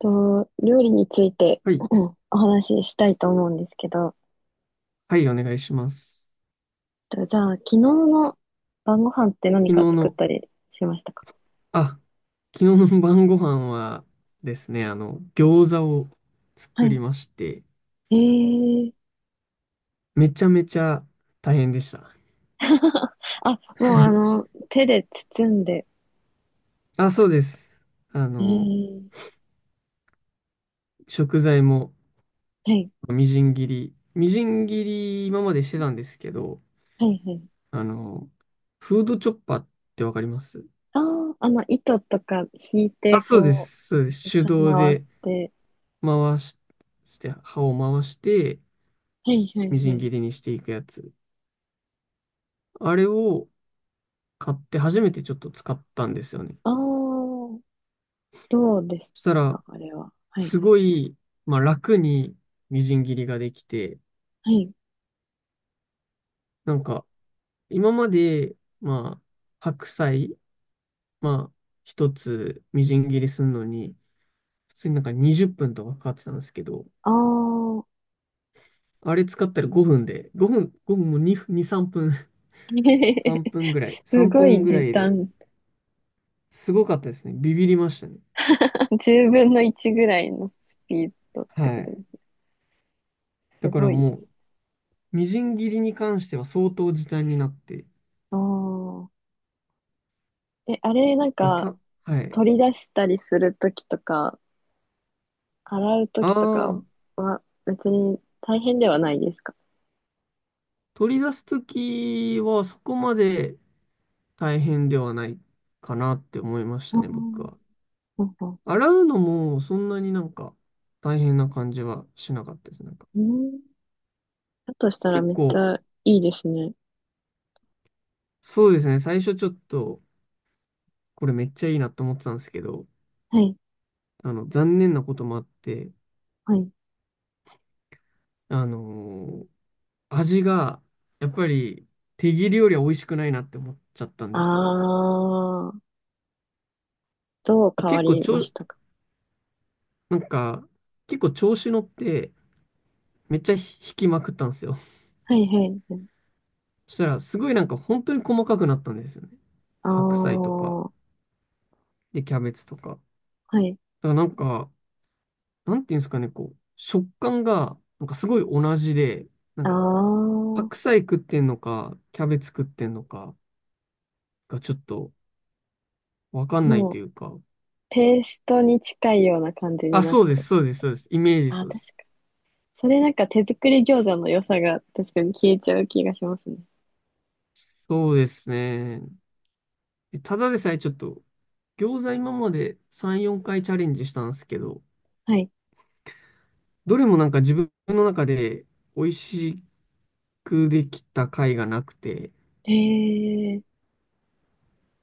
と、料理について はい。うん、お話ししたいと思うんですけど、はい、お願いします。とじゃあ、昨日の晩ご飯って何昨か日作っの、たりしましたか？あ、昨日の晩ご飯はですね、餃子をは作りい。まして、えー、めちゃめちゃ大変でした。あ、もう手で包んで、あ、そうです。あえの、ー、食材もはい、みじん切り今までしてたんですけど、はい、はい。あの、フードチョッパーってわかります？ああ、糸とか引いあ、て、そうでこす。そうでう、す。手動回っでて、回し、して、刃を回して、はい、はい、みじはんい。切りにしていくやつ。あれを、買って初めてちょっと使ったんですよね。ああ、どうですそしたら、か、あれは？はい、すごい、まあ、楽にみじん切りができて、はい。なんか、今まで、まあ、白菜、まあ、一つみじん切りするのに、普通になんか20分とかかかってたんですけど、ああ、あれ使ったら5分で、5分、5分も2、2、3分、す3ご分いぐら時いで短。すごかったですね。ビビりましたね。10分の1ぐらいのスピードってはことでい。すね。すだからごいでもす。う、みじん切りに関しては相当時短になって、ああ。え、あれ、なんまあか、た、はい。取り出したりするときとか、洗うとあきとかあ、は、別に大変ではないですか？取り出すときはそこまで大変ではないかなって思いましあたね、僕ー、は。なんか、洗うのもそんなになんか大変な感じはしなかったです。なんかうん。だとしたら結めっち構、ゃいいですね。そうですね、最初ちょっとこれめっちゃいいなと思ってたんですけど、はい、残念なこともあって、はい。あのー味がやっぱり手切りよりは美味しくないなって思っちゃったんあですよね。あ、どう変わ結構りちまょ、したか？なんか結構調子乗って、めっちゃ引きまくったんですよ。はい、はい。そしたら、すごいなんか本当に細かくなったんですよね。ああ、白菜とか、はで、キャベツとか。だかい。らなんか、なんていうんですかね、こう、食感が、なんかすごい同じで、なんああ、か、も白菜食ってんのか、キャベツ食ってんのかがちょっとわかんないとう、いうか。ペーストに近いような感じにあ、なっそうでちゃす、う。そうです、そうです。イメージあ、そうで確かす。に。それなんか手作り餃子の良さが確かに消えちゃう気がしますね。そうですね。ただでさえちょっと、餃子今まで3、4回チャレンジしたんですけど、はい。どれもなんか自分の中で美味しいくできた回がなくて、へえー、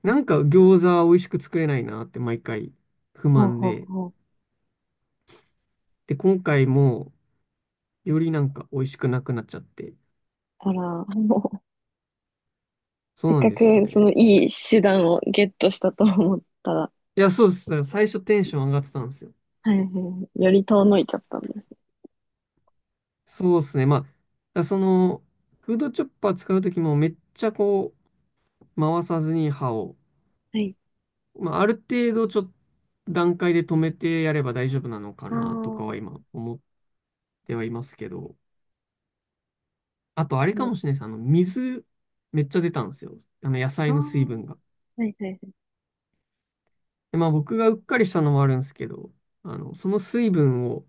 なんか餃子美味しく作れないなって毎回不ほう満ほうで、ほう。で、今回もよりなんか美味しくなくなっちゃって、あら、もう、そせうっなんかですよくそのね。いい手段をゲットしたと思ったら、いや、そうです。だから最初テンション上がってたんですよ。はいはい、より遠のいちゃったんですね。そうですね。まあ、だからその、フードチョッパー使うときもめっちゃこう、回さずに刃を、はい。まあ、ある程度ちょっと段階で止めてやれば大丈夫なのかああ、なとかはも今思ってはいますけど、あと、あれかうもしれないです。水、めっちゃ出たんですよ。野あ菜ー、の水分が。はいはいはい。で、まあ、僕がうっかりしたのもあるんですけど、その水分を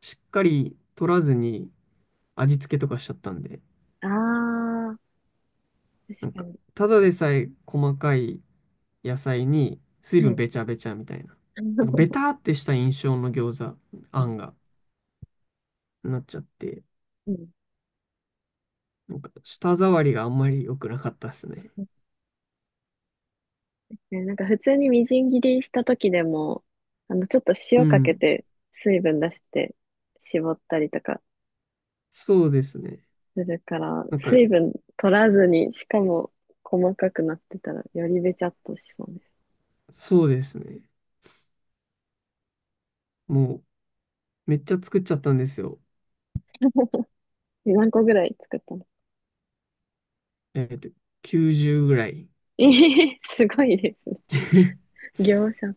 しっかり取らずに味付けとかしちゃったんで、ああ、確なんかか、に。ただでさえ細かい野菜に水は分い。べちゃべちゃみたいな。なんか、ベター ってした印象の餃子、うあんんが、なっちゃって、うん、なんか、舌触りがあんまり良くなかったですね。ね、なんか普通にみじん切りした時でも、ちょっとう塩かけん。て水分出して絞ったりとかそうですね。するから、なんか、水分取らずに、しかも細かくなってたらよりべちゃっとしそうです。そうですね。もう、めっちゃ作っちゃったんですよ。何個ぐらい作ったの？ えっと、90ぐらい。ええ、すごいですね。業者。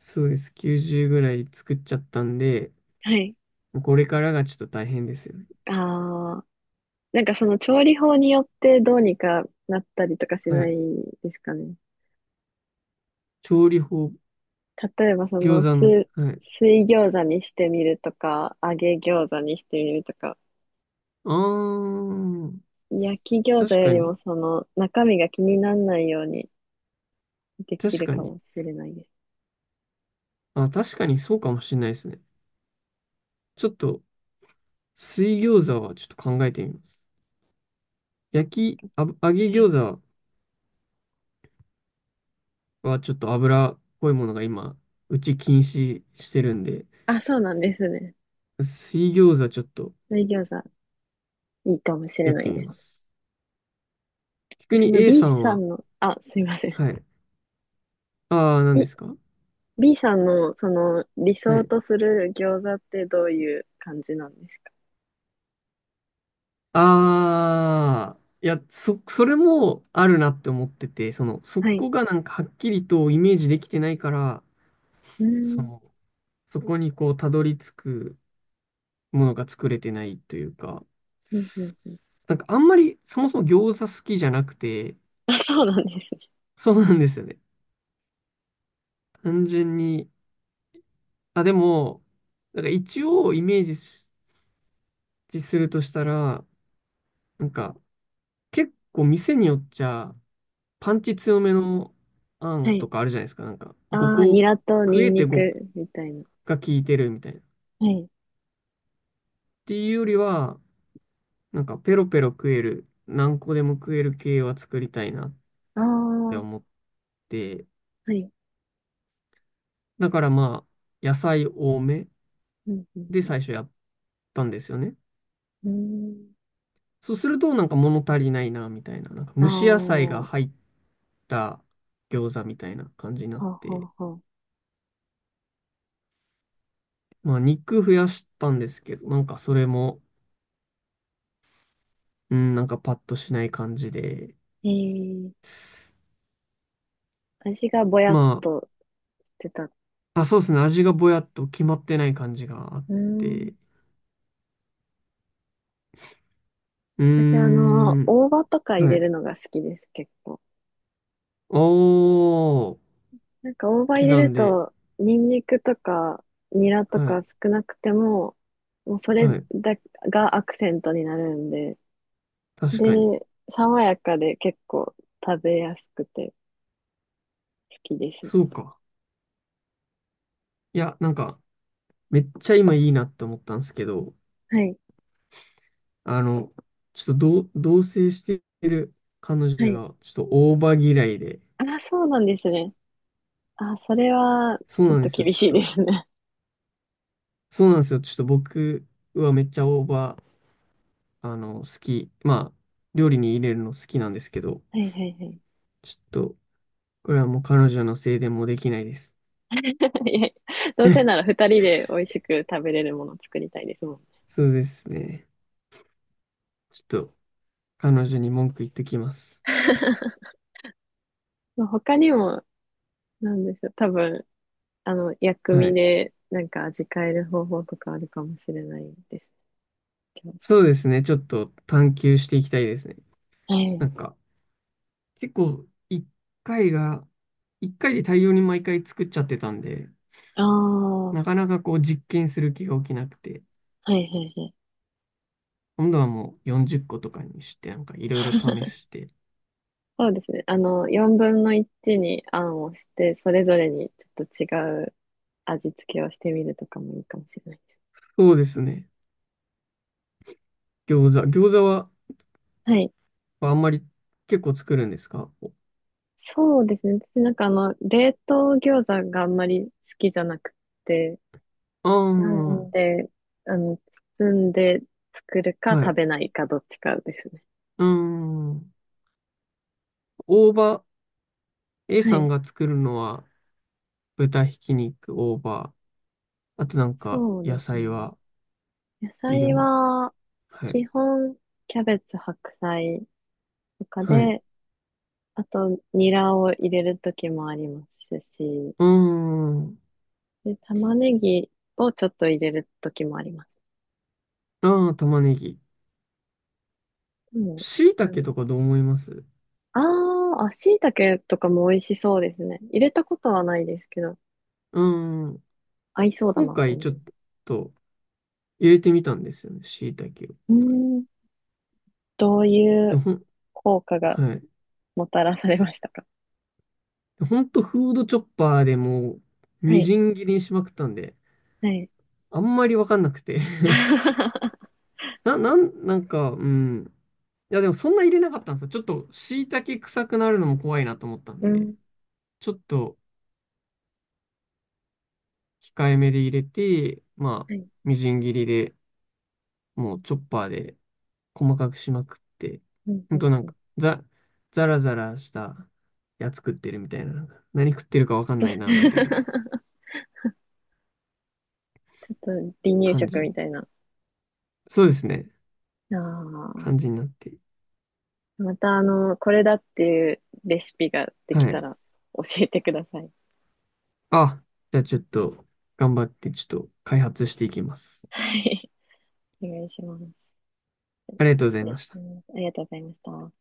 そうです。90ぐらい作っちゃったんで、はい。これからがちょっと大変ですよね。ああ、なんかその調理法によってどうにかなったりとかしはないい。ですかね？調理法、例えばそ餃の子の、水、はい。水餃子にしてみるとか、揚げ餃子にしてみるとか、あー、焼き餃子確よかりもに、その中身が気にならないようにでき確るかかに。もしれないです。あ、確かにそうかもしれないですね。ちょっと、水餃子はちょっと考えてみます。焼き、あぶ、揚げはい。餃子はちょっと油っぽいものが今、うち禁止してるんで、あ、そうなんですね。水餃子ちょっと水餃子いいかもしれやっなていみですまね。す。で、逆そに の A B さんさは、んの、あ、すいません。はい。ああ、何で B、すか？ B さんのその理は想い。とする餃子ってどういう感じなんですか？ああ、いや、それもあるなって思ってて、その、そはい。こがなんかはっきりとイメージできてないから、うーそん。の、そこにこう、たどり着くものが作れてないというか、うんうんうん。なんかあんまりそもそも餃子好きじゃなくて、あ、そうなんですね。そうなんですよね。単純に、あ、でも、なんか一応イメージするとしたら、なんか結構店によっちゃ、パンチ強めのあはんとい。かあるじゃないですか。なんか、5ああ、ニ個、ラと食ニえンてニ5クみたいな。が効いてるみたいな。っはい。ていうよりは、なんか、ペロペロ食える、何個でも食える系は作りたいなっああ、ては思って、い。だからまあ、野菜多めうんうんでうん。最初やったんですよね。うそうすると、なんか物足りないな、みたいな。なんか、ーん。あ蒸し野菜あ、がは入った餃子みたいな感じになあっはて、あはあ。まあ、肉増やしたんですけど、なんか、それも、うん、なんかパッとしない感じで、えー、味がぼやっまとしてた。うあ、あ、そうですね。味がぼやっと決まってない感じがあっーん。て。うー私、ん。大葉とか入はれい。るのが好きです、結構。おー。なんか大葉入れ刻るんで。と、ニンニクとか、ニラとはい。か少なくても、もうそれはい。だがアクセントになるんで、確で、かに。爽やかで結構食べやすくて好きですね。そうか。いや、なんか、めっちゃ今いいなって思ったんですけど、はい。あの、ちょっと同棲してる彼は女い。が、ちょっと大葉嫌いで。あ、そうなんですね。あ、それはそうちょなっんでとすよ。厳ちょっしいでと。すね。そうなんですよ。ちょっと僕はめっちゃ大葉、好き。まあ、料理に入れるの好きなんですけど、はいはいはい。ちょっと、これはもう彼女のせいでもうできないです。いやいや、どうせなら二人で美味しく食べれるものを作りたいですもんね。そうですね。ちょっと彼女に文句言っときます。まあ他にも、なんでしょう、多分、薬は味い。でなんか味変える方法とかあるかもしれないですけど。そうですね。ちょっと探求していきたいですね。はない。んか、結構回が、一回で大量に毎回作っちゃってたんで、ああ、はなかなかこう実験する気が起きなくて、いはいはい。今度はもう40個とかにして、なんかいろいろ試して。そうですね。4分の1にあんをして、それぞれにちょっと違う味付けをしてみるとかもいいかもしれないです。そうですね。餃子ははい。あんまり結構作るんですか？そうですね。私なんか冷凍餃子があんまり好きじゃなくて、ああなんー、で、あの、包んで作るかは食い。べないかどっちかですね。うーん。大葉、A はさんい。が作るのは豚ひき肉、大葉、あとなんかそう野です菜ね。は野入れ菜ます。は、はい。基本、キャベツ、白菜とかはい。うで、あと、ニラを入れる時もありますし、ーん。で、玉ねぎをちょっと入れる時もあります。ああ、玉ねぎ。でも、椎あ茸の、とかどう思います？あーあ、椎茸とかも美味しそうですね。入れたことはないですけど、うーん。合いそうだ今なって回思ちいょっます。と入れてみたんですよね、椎茸を。うーん、どういでうほん、効果がはい。もたらされましたか？ほんとフードチョッパーでもうはみい。じん切りにしまくったんで、はい。あんまりわかんなくて なんか、うん。いや、でもそんな入れなかったんですよ。ちょっと、椎茸臭くなるのも怖いなと思ったんうで、ん。ちょっと控えめで入れて、まあ、はい。みじん切りで、もうチョッパーで細かくしまくって、うんほうんんとなんうん。か、ザラザラしたやつ食ってるみたいな、なんか、何食ってるか わかんちないな、みたいょなっと離乳感じ食みに。たいな。あそうですね。あ。感じになって。またあの、これだっていうレシピができはたい。ら教えてください。あ、じゃあちょっと、頑張って、ちょっと開発していきます。はい。お願いします。ありがとうございまね、しうた。ん、ありがとうございました。